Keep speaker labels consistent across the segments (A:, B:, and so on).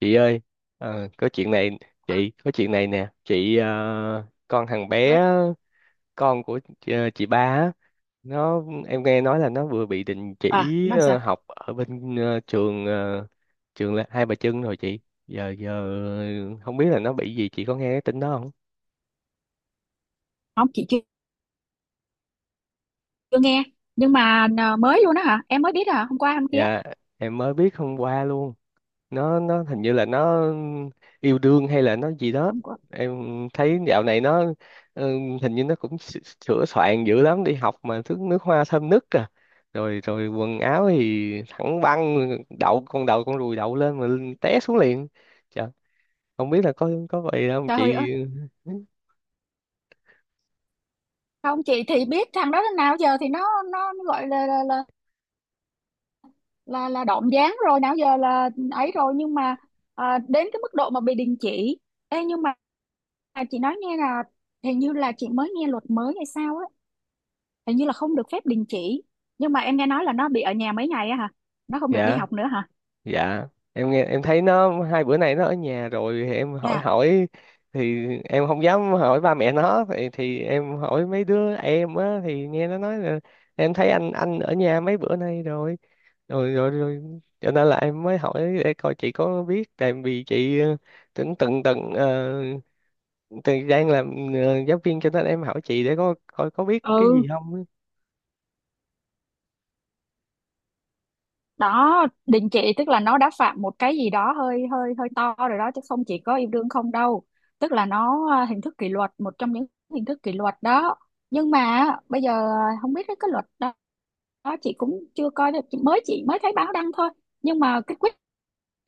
A: Chị ơi, có chuyện này chị có chuyện này nè chị con thằng bé con của chị, chị ba á, em nghe nói là nó vừa bị đình chỉ
B: À, làm sao?
A: học ở bên trường trường là Hai Bà Trưng rồi chị. Giờ giờ không biết là nó bị gì. Chị có nghe cái tin đó không?
B: Không, chị chưa nghe. Nhưng mà mới luôn đó hả? Em mới biết hả? Hôm qua hôm kia?
A: Dạ, em mới biết hôm qua luôn. Nó hình như là nó yêu đương hay là nó gì đó.
B: Hôm qua?
A: Em thấy dạo này nó ừ, hình như nó cũng sửa soạn dữ lắm, đi học mà thứ nước hoa thơm nức à. Rồi rồi quần áo thì thẳng băng, đậu con đầu con ruồi đậu lên mà té xuống liền. Trời, không biết là có vậy không
B: Trời
A: chị.
B: ơi. Không, chị thì biết thằng đó đến nào giờ thì nó gọi là là động dáng rồi nào giờ là ấy rồi, nhưng mà đến cái mức độ mà bị đình chỉ. Ê, nhưng mà à, chị nói nghe là hình như là chị mới nghe luật mới hay sao á. Hình như là không được phép đình chỉ, nhưng mà em nghe nói là nó bị ở nhà mấy ngày á hả? Nó không được đi
A: Dạ,
B: học nữa hả?
A: dạ, em nghe em thấy nó hai bữa nay nó ở nhà rồi thì em hỏi
B: Nha.
A: hỏi Thì em không dám hỏi ba mẹ nó thì em hỏi mấy đứa em á, thì nghe nó nói là em thấy anh ở nhà mấy bữa nay rồi. Rồi. Cho nên là em mới hỏi để coi chị có biết, tại vì chị từng từng từng ờ, từng đang làm giáo viên, cho nên em hỏi chị để có coi có biết cái
B: Ừ,
A: gì không á.
B: đó, đình chỉ tức là nó đã phạm một cái gì đó hơi hơi hơi to rồi đó, chứ không chỉ có yêu đương không đâu. Tức là nó hình thức kỷ luật, một trong những hình thức kỷ luật đó. Nhưng mà bây giờ không biết cái luật đó, đó chị cũng chưa coi được. Mới chị mới thấy báo đăng thôi, nhưng mà cái quyết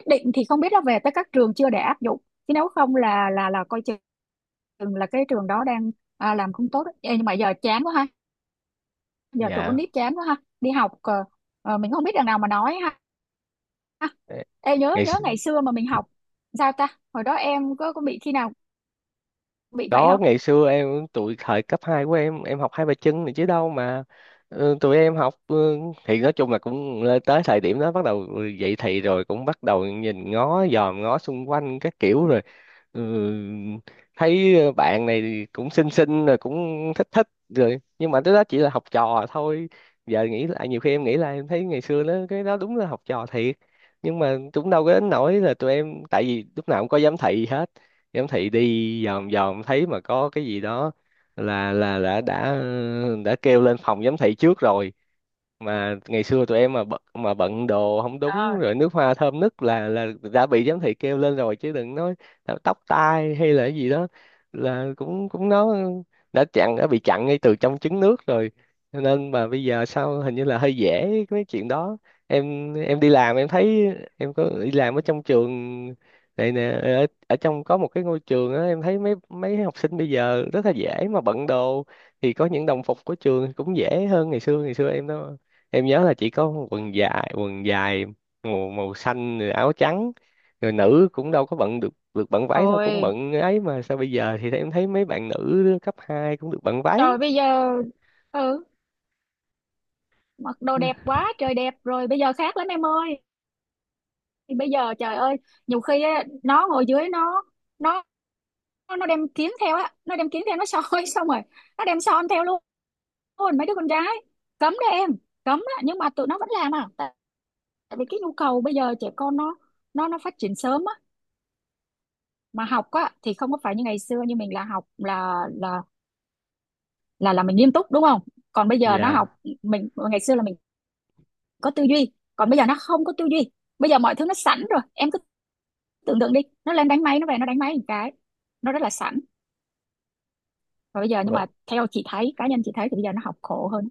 B: định thì không biết là về tới các trường chưa để áp dụng. Chứ nếu không là coi chừng chừng là cái trường đó đang làm không tốt đấy. Ê, nhưng mà giờ chán quá ha. Giờ tụi con
A: Dạ.
B: nít chán quá ha, đi học mình không biết đằng nào mà nói ha. Ê, nhớ
A: ngày
B: nhớ ngày xưa mà mình học sao ta? Hồi đó em có bị khi nào bị vậy
A: Có
B: không?
A: ngày xưa tụi thời cấp 2 của em học hai bài chân này chứ đâu mà. Tụi em học thì nói chung là cũng lên tới thời điểm đó bắt đầu dậy thì rồi cũng bắt đầu nhìn ngó dòm ngó xung quanh các kiểu rồi. ừ, Thấy bạn này thì cũng xinh xinh rồi cũng thích thích rồi, nhưng mà tới đó chỉ là học trò thôi. Giờ nghĩ lại nhiều khi em nghĩ lại em thấy ngày xưa nó cái đó đúng là học trò thiệt, nhưng mà cũng đâu có đến nỗi là tụi em, tại vì lúc nào cũng có giám thị hết. Giám thị đi vòng vòng thấy mà có cái gì đó là đã đã kêu lên phòng giám thị trước rồi. Mà ngày xưa tụi em mà bận đồ không đúng
B: À,
A: rồi nước hoa thơm nứt là đã bị giám thị kêu lên rồi, chứ đừng nói là tóc tai hay là cái gì đó là cũng cũng nó đã bị chặn ngay từ trong trứng nước rồi. Cho nên mà bây giờ sao hình như là hơi dễ cái chuyện đó. Em đi làm em thấy em có đi làm ở trong trường này nè, ở trong có một cái ngôi trường á, em thấy mấy mấy học sinh bây giờ rất là dễ mà bận đồ, thì có những đồng phục của trường cũng dễ hơn ngày xưa. Ngày xưa em đó, em nhớ là chỉ có quần dài màu màu xanh rồi áo trắng, rồi nữ cũng đâu có bận được được bận váy đâu, cũng
B: ôi
A: bận ấy, mà sao bây giờ thì em thấy mấy bạn nữ cấp 2 cũng được bận váy.
B: trời, bây giờ ừ, mặc đồ đẹp quá trời đẹp rồi, bây giờ khác lắm em ơi. Bây giờ trời ơi, nhiều khi á, nó ngồi dưới nó nó đem kiếm theo á, nó đem kiếm theo nó soi xong rồi, nó đem son theo luôn, luôn mấy đứa con gái. Cấm đấy em, cấm á, nhưng mà tụi nó vẫn làm à. Tại tại vì cái nhu cầu bây giờ trẻ con nó phát triển sớm á, mà học á thì không có phải như ngày xưa, như mình là học là mình nghiêm túc đúng không. Còn bây giờ nó học,
A: Dạ.
B: mình ngày xưa là mình có tư duy, còn bây giờ nó không có tư duy. Bây giờ mọi thứ nó sẵn rồi, em cứ tưởng tượng đi, nó lên đánh máy nó về nó đánh máy một cái, nó rất là sẵn. Và bây giờ, nhưng
A: Vâng.
B: mà theo chị thấy, cá nhân chị thấy thì bây giờ nó học khổ hơn.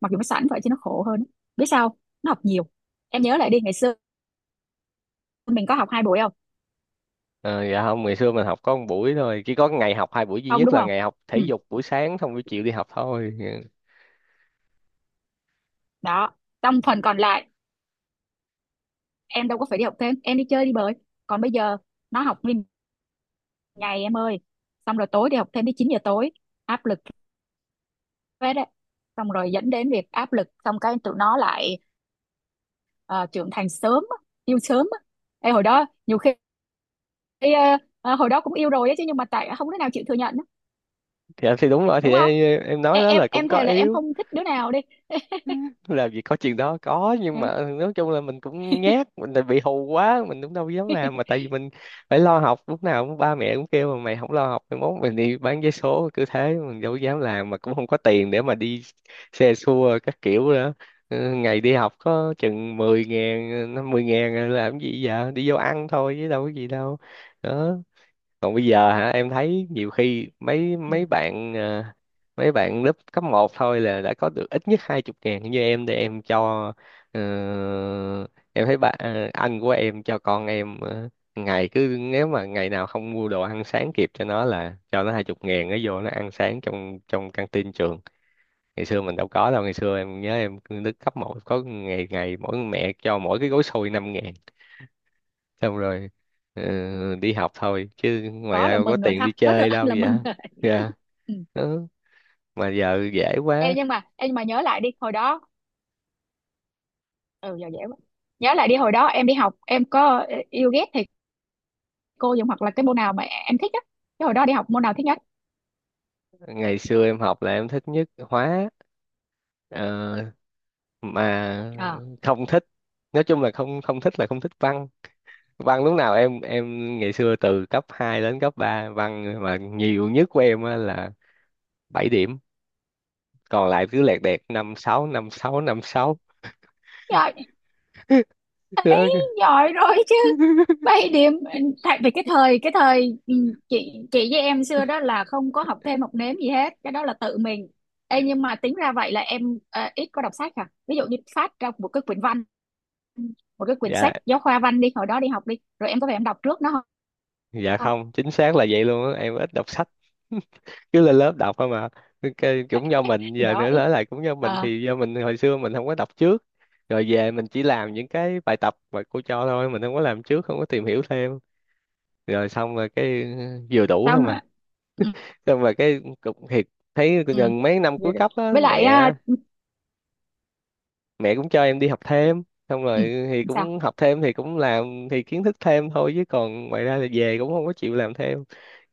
B: Mặc dù nó sẵn vậy chứ nó khổ hơn, biết sao không? Nó học nhiều. Em nhớ lại đi, ngày xưa mình có học 2 buổi không?
A: Ờ, dạ không, ngày xưa mình học có một buổi thôi, chỉ có ngày học hai buổi duy
B: Không,
A: nhất
B: đúng
A: là
B: không.
A: ngày học thể
B: Ừ,
A: dục buổi sáng xong buổi chiều đi học thôi. Dạ.
B: đó, trong phần còn lại em đâu có phải đi học thêm, em đi chơi đi bời. Còn bây giờ nó học nguyên ngày em ơi, xong rồi tối đi học thêm tới 9 giờ tối, áp lực hết đấy. Xong rồi dẫn đến việc áp lực, xong cái tụi nó lại ờ, trưởng thành sớm á, yêu sớm á. Ê, hồi đó nhiều khi ờ, hồi đó cũng yêu rồi á chứ, nhưng mà tại không đứa nào chịu thừa nhận á,
A: Thì em thì đúng rồi, thì
B: đúng không.
A: em nói
B: em
A: đó
B: em
A: là cũng
B: em
A: có
B: thề là em
A: yếu.
B: không thích đứa nào đi.
A: Làm gì có chuyện đó, có, nhưng
B: Ừ.
A: mà nói chung là mình cũng nhát, mình lại bị hù quá, mình cũng đâu dám làm, mà tại vì mình phải lo học, lúc nào cũng ba mẹ cũng kêu mà mày không lo học mày mốt mình đi bán vé số, cứ thế mình đâu dám làm, mà cũng không có tiền để mà đi xe xua các kiểu nữa. Ừ, ngày đi học có chừng 10.000 50.000 làm cái gì, vậy đi vô ăn thôi chứ đâu có gì đâu. Đó, còn bây giờ hả, em thấy nhiều khi mấy
B: Ừ,
A: mấy bạn mấy bạn lớp cấp một thôi là đã có được ít nhất 20.000. Như em thì em cho ờ, em thấy anh của em cho con em ngày cứ nếu mà ngày nào không mua đồ ăn sáng kịp cho nó là cho nó 20.000, nó vô nó ăn sáng trong trong căng tin trường. Ngày xưa mình đâu có đâu, ngày xưa em nhớ em lớp cấp một có ngày ngày mỗi mẹ cho mỗi cái gói xôi năm, xong rồi ờ, đi học thôi, chứ ngoài
B: có
A: ra
B: là
A: đâu có
B: mừng rồi
A: tiền đi
B: ha, có được
A: chơi
B: anh
A: đâu
B: là
A: vậy.
B: mừng rồi.
A: Dạ.
B: Ừ.
A: Ừ. Mà giờ dễ
B: em
A: quá.
B: nhưng mà em nhưng mà nhớ lại đi hồi đó, ừ giờ dễ quá. Nhớ lại đi hồi đó em đi học, em có yêu ghét thầy cô gì hoặc là cái môn nào mà em thích á. Cái hồi đó đi học môn nào thích nhất?
A: Ngày xưa em học là em thích nhất hóa, ờ, mà
B: À,
A: không thích, nói chung là không không thích là không thích văn. Văn lúc nào em ngày xưa từ cấp 2 đến cấp 3 văn mà nhiều nhất của em á là 7 điểm, còn lại cứ lẹt đẹt năm sáu năm sáu năm sáu.
B: giỏi ấy, giỏi rồi chứ, 7 điểm. Tại vì cái thời ừ, chị với em xưa đó là không có học thêm học nếm gì hết, cái đó là tự mình. Ê, nhưng mà tính ra vậy là em ít có đọc sách à. Ví dụ như phát ra một cái quyển văn, một cái quyển
A: Dạ.
B: sách giáo khoa văn đi, hồi đó đi học đi rồi em có phải em đọc trước nó không?
A: Dạ
B: Không?
A: không, chính xác là vậy luôn á, em ít đọc sách, cứ lên lớp đọc thôi mà. Cũng do mình
B: Thì
A: giờ
B: đó
A: nữa
B: ít
A: nói lại cũng do mình,
B: à,
A: thì do mình hồi xưa mình không có đọc trước, rồi về mình chỉ làm những cái bài tập mà cô cho thôi, mình không có làm trước, không có tìm hiểu thêm, rồi xong rồi cái vừa đủ thôi
B: xong
A: mà,
B: rồi ừ,
A: xong rồi cái cục thiệt, thấy
B: ừ,
A: gần mấy năm
B: vậy
A: cuối
B: được.
A: cấp á
B: Với lại à,
A: mẹ mẹ cũng cho em đi học thêm, xong
B: ừ,
A: rồi thì
B: sao
A: cũng học thêm thì cũng làm thì kiến thức thêm thôi, chứ còn ngoài ra là về cũng không có chịu làm thêm.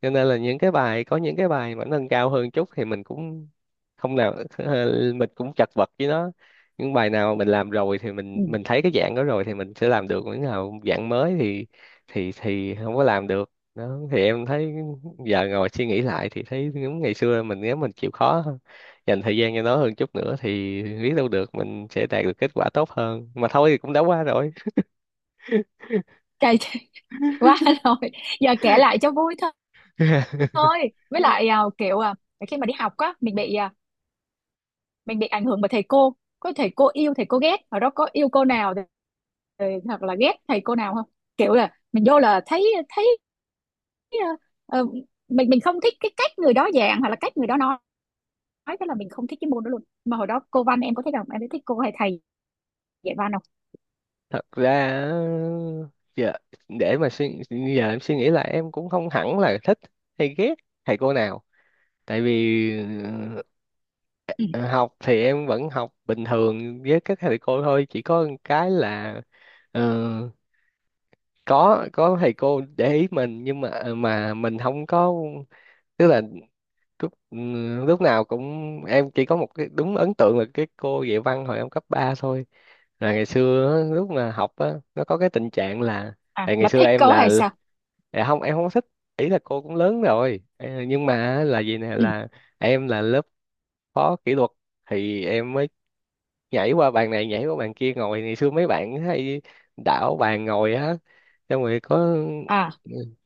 A: Cho nên là những cái bài có những cái bài mà nâng cao hơn chút thì mình cũng không nào mình cũng chật vật với nó, những bài nào mà mình làm rồi thì mình
B: ừ,
A: mình thấy cái dạng đó rồi thì mình sẽ làm được, những nào dạng mới thì thì không có làm được. Đó thì em thấy giờ ngồi suy nghĩ lại thì thấy những ngày xưa mình nếu mình chịu khó dành thời gian cho nó hơn chút nữa thì biết đâu được mình sẽ đạt được kết quả tốt hơn, mà thôi thì cũng đã qua rồi.
B: cay quá rồi. Giờ kể lại cho vui thôi, thôi. Với lại kiểu khi mà đi học á mình bị mình bị ảnh hưởng bởi thầy cô. Có thầy cô yêu thầy cô ghét ở đó, có yêu cô nào thì, hoặc là ghét thầy cô nào không? Kiểu là mình vô là thấy thấy ờ, ờ, mình không thích cái cách người đó giảng hoặc là cách người đó nói là mình không thích cái môn đó luôn. Mà hồi đó cô văn em có thích không, em có thích cô hay thầy dạy văn không?
A: Thật ra giờ để mà suy giờ em suy nghĩ là em cũng không hẳn là thích hay ghét thầy cô nào, tại vì
B: Ừ.
A: ờ, học thì em vẫn học bình thường với các thầy cô thôi, chỉ có một cái là ờ, có thầy cô để ý mình nhưng mà mà mình không có, tức là lúc lúc nào cũng em chỉ có một cái đúng ấn tượng là cái cô dạy văn hồi em cấp 3 thôi. Là ngày xưa á, lúc mà học á nó có cái tình trạng là
B: À,
A: tại ngày
B: là
A: xưa
B: thích
A: em
B: cô
A: là
B: hay sao?
A: à, không em không thích, ý là cô cũng lớn rồi. Ờ, nhưng mà là gì nè,
B: Ừ.
A: là em là lớp phó kỷ luật thì em mới nhảy qua bàn này nhảy qua bàn kia ngồi, ngày xưa mấy bạn hay đảo bàn ngồi á, xong rồi có
B: À.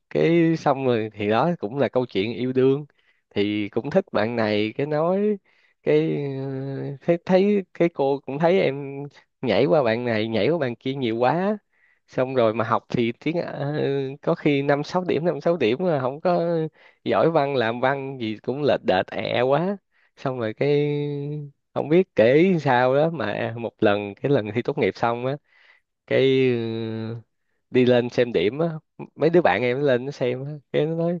A: cái xong rồi thì đó cũng là câu chuyện yêu đương, thì cũng thích bạn này cái nói cái thấy thấy cái cô cũng thấy em nhảy qua bạn này nhảy qua bạn kia nhiều quá, xong rồi mà học thì tiếng có khi năm sáu điểm mà không có giỏi văn, làm văn gì cũng lệch đệch ẹ quá, xong rồi cái không biết kể sao đó mà một lần cái lần thi tốt nghiệp xong á, cái đi lên xem điểm á, mấy đứa bạn em nó lên nó xem á cái nó nói: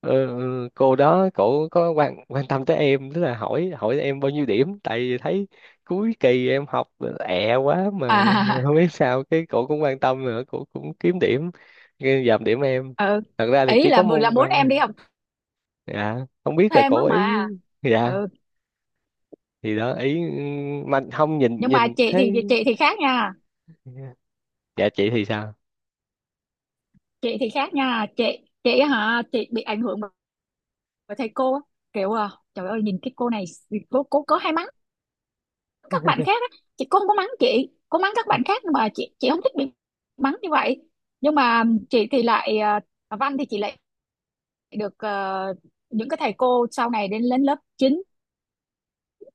A: "Ờ, ừ, cô đó cổ có quan quan tâm tới em, tức là hỏi hỏi em bao nhiêu điểm, tại vì thấy cuối kỳ em học ẹ quá mà,
B: À.
A: không biết sao cái cổ cũng quan tâm nữa, cổ cũng kiếm điểm cái dòm điểm em,
B: Ừ.
A: thật ra thì
B: Ý
A: chỉ có
B: là
A: môn
B: muốn
A: văn thôi."
B: em đi học
A: Dạ, không biết là
B: thêm á
A: cổ ý.
B: mà.
A: Dạ.
B: Ừ,
A: Thì đó ý mà không nhìn
B: nhưng mà
A: nhìn
B: chị thì
A: thấy.
B: chị thì khác nha.
A: Dạ. Dạ chị thì sao?
B: Chị thì khác nha, chị hả? Chị bị ảnh hưởng bởi thầy cô á. Kiểu trời ơi, nhìn cái cô này, cô có hay mắng các bạn khác á, chị cô không có mắng chị, cô mắng các bạn khác, nhưng mà chị không thích bị mắng như vậy. Nhưng mà chị thì lại văn thì chị lại được ờ, những cái thầy cô sau này, đến lên lớp 9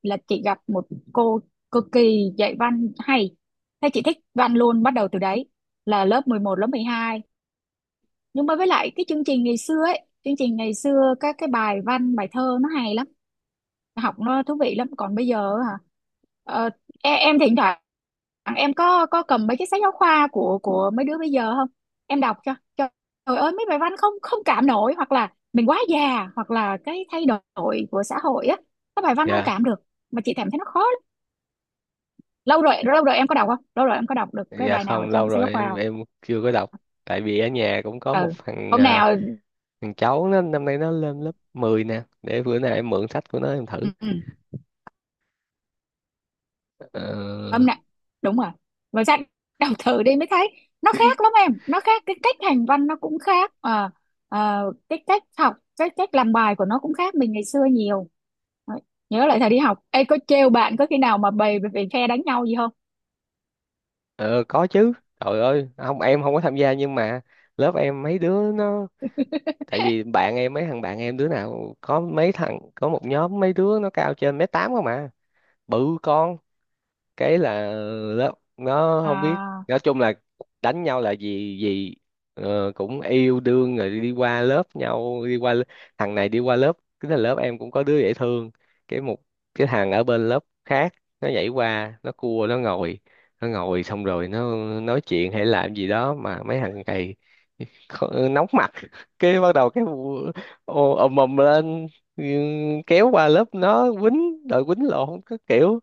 B: là chị gặp một cô cực kỳ dạy văn hay, thế chị thích văn luôn bắt đầu từ đấy, là lớp 11 lớp 12. Nhưng mà với lại cái chương trình ngày xưa ấy, chương trình ngày xưa các cái bài văn bài thơ nó hay lắm, học nó thú vị lắm. Còn bây giờ hả, ờ, em thỉnh thoảng em có cầm mấy cái sách giáo khoa của mấy đứa bây giờ không, em đọc cho trời ơi, mấy bài văn không không cảm nổi. Hoặc là mình quá già, hoặc là cái thay đổi của xã hội á, các bài văn không
A: Dạ.
B: cảm được mà chị cảm thấy nó khó lắm. Lâu rồi em có đọc không, lâu rồi em có đọc được cái
A: Dạ
B: bài nào
A: không, lâu
B: trong sách giáo
A: rồi em
B: khoa?
A: chưa có đọc, tại vì ở nhà cũng có một
B: Ừ,
A: thằng
B: hôm nào.
A: thằng cháu nó năm nay nó lên lớp 10 nè, để bữa nào em mượn sách của nó em thử.
B: Ừ. Ừ.
A: Ờ.
B: Âm nè, đúng rồi, và ra đọc thử đi mới thấy nó khác lắm em. Nó khác cái cách hành văn nó cũng khác à, cái cách học cái cách làm bài của nó cũng khác mình ngày xưa nhiều. Đấy. Nhớ lại thời đi học. Ê, có trêu bạn có khi nào mà bày về phe đánh nhau gì không?
A: ờ, có chứ, trời ơi, không em không có tham gia nhưng mà lớp em mấy đứa nó, tại vì bạn em mấy thằng bạn em đứa nào có mấy thằng có một nhóm mấy đứa nó cao trên 1m8 không mà, bự con, cái là nó nó không biết,
B: À.
A: nói chung là đánh nhau là gì gì, cũng yêu đương rồi đi qua lớp nhau đi qua thằng này đi qua lớp, cái là lớp em cũng có đứa dễ thương, cái một cái thằng ở bên lớp khác nó nhảy qua nó cua nó ngồi, nó ngồi xong rồi nó nói chuyện hay làm gì đó mà mấy thằng này nóng mặt, cái bắt đầu cái ô, ầm ầm lên, ừ, kéo qua lớp nó quýnh đòi quýnh lộn các kiểu,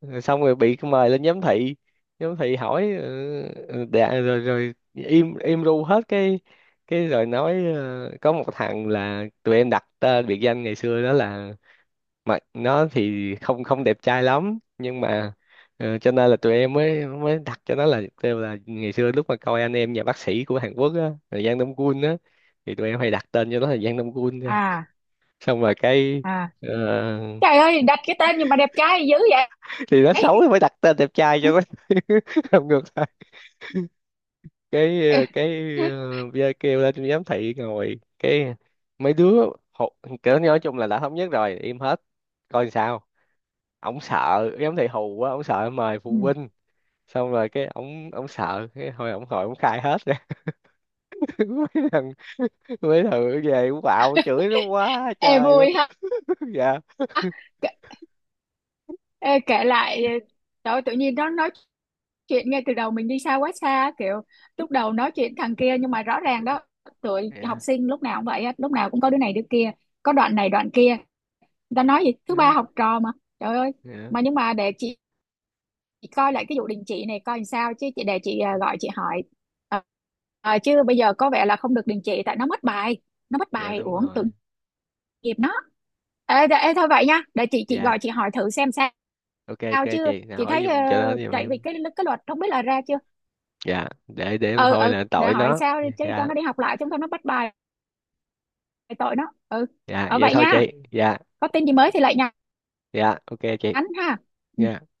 A: rồi xong rồi bị mời lên giám thị. Giám thị hỏi ừ, ừ, đã, rồi rồi im im ru hết cái rồi nói có một thằng là tụi em đặt tên biệt danh ngày xưa đó là, mà nó thì không không đẹp trai lắm nhưng mà cho nên là tụi em mới mới đặt cho nó là kêu là ngày xưa lúc mà coi anh em nhà bác sĩ của Hàn Quốc á là Giang Đông Quân á, thì tụi em hay đặt tên cho nó là Giang Đông Quân thôi.
B: À.
A: Xong rồi cái
B: À,
A: ờ,
B: trời ơi, đặt cái tên nhưng mà đẹp trai dữ vậy.
A: thì nó xấu thì mới đặt tên đẹp trai cho nó. Làm ngược cái cái bia kêu lên giám thị ngồi cái mấy đứa hù, kiểu nói chung là đã thống nhất rồi im hết coi sao, ổng sợ giám thị hù quá, ổng sợ mời phụ
B: Ừ.
A: huynh, xong rồi cái ổng ổng sợ cái hồi ổng khai hết rồi. mấy thằng Mấy thằng về cũng bạo chửi nó quá
B: Ê
A: trời luôn.
B: vui ha.
A: Dạ.
B: Kể- ê, kể lại trời ơi, tự nhiên nó nói chuyện ngay từ đầu mình đi xa quá xa, kiểu lúc đầu nói chuyện thằng kia. Nhưng mà rõ ràng đó, tụi học
A: Dạ.
B: sinh lúc nào cũng vậy á, lúc nào cũng có đứa này đứa kia, có đoạn này đoạn kia, người ta nói gì thứ ba
A: Ừ.
B: học trò mà. Trời ơi.
A: Dạ.
B: Mà nhưng mà để chị coi lại cái vụ đình chỉ này coi làm sao chứ, chị để chị gọi chị hỏi. Ờ, chứ bây giờ có vẻ là không được đình chỉ, tại nó mất bài, nó mất
A: Dạ
B: bài
A: đúng
B: uổng tội
A: rồi.
B: nghiệp nó. Ê, ê thôi vậy nha, để chị
A: Dạ,
B: gọi chị hỏi thử xem sao.
A: ok, ok
B: Sao chứ
A: chị nào
B: chị
A: hỏi
B: thấy
A: giùm cho nó giùm
B: tại vì
A: em.
B: cái luật không biết là ra chưa.
A: Dạ, để em
B: Ừ
A: thôi
B: ừ,
A: là
B: để
A: tội
B: hỏi
A: nó.
B: sao đi chứ, cho
A: Dạ.
B: nó đi học lại, chứ không thôi nó bắt bài tội nó. Ừ.
A: Dạ,
B: Ở
A: vậy
B: vậy
A: thôi
B: nha,
A: chị. Dạ.
B: có tin gì mới thì lại nhắn
A: Dạ, ok chị.
B: ha.
A: Dạ.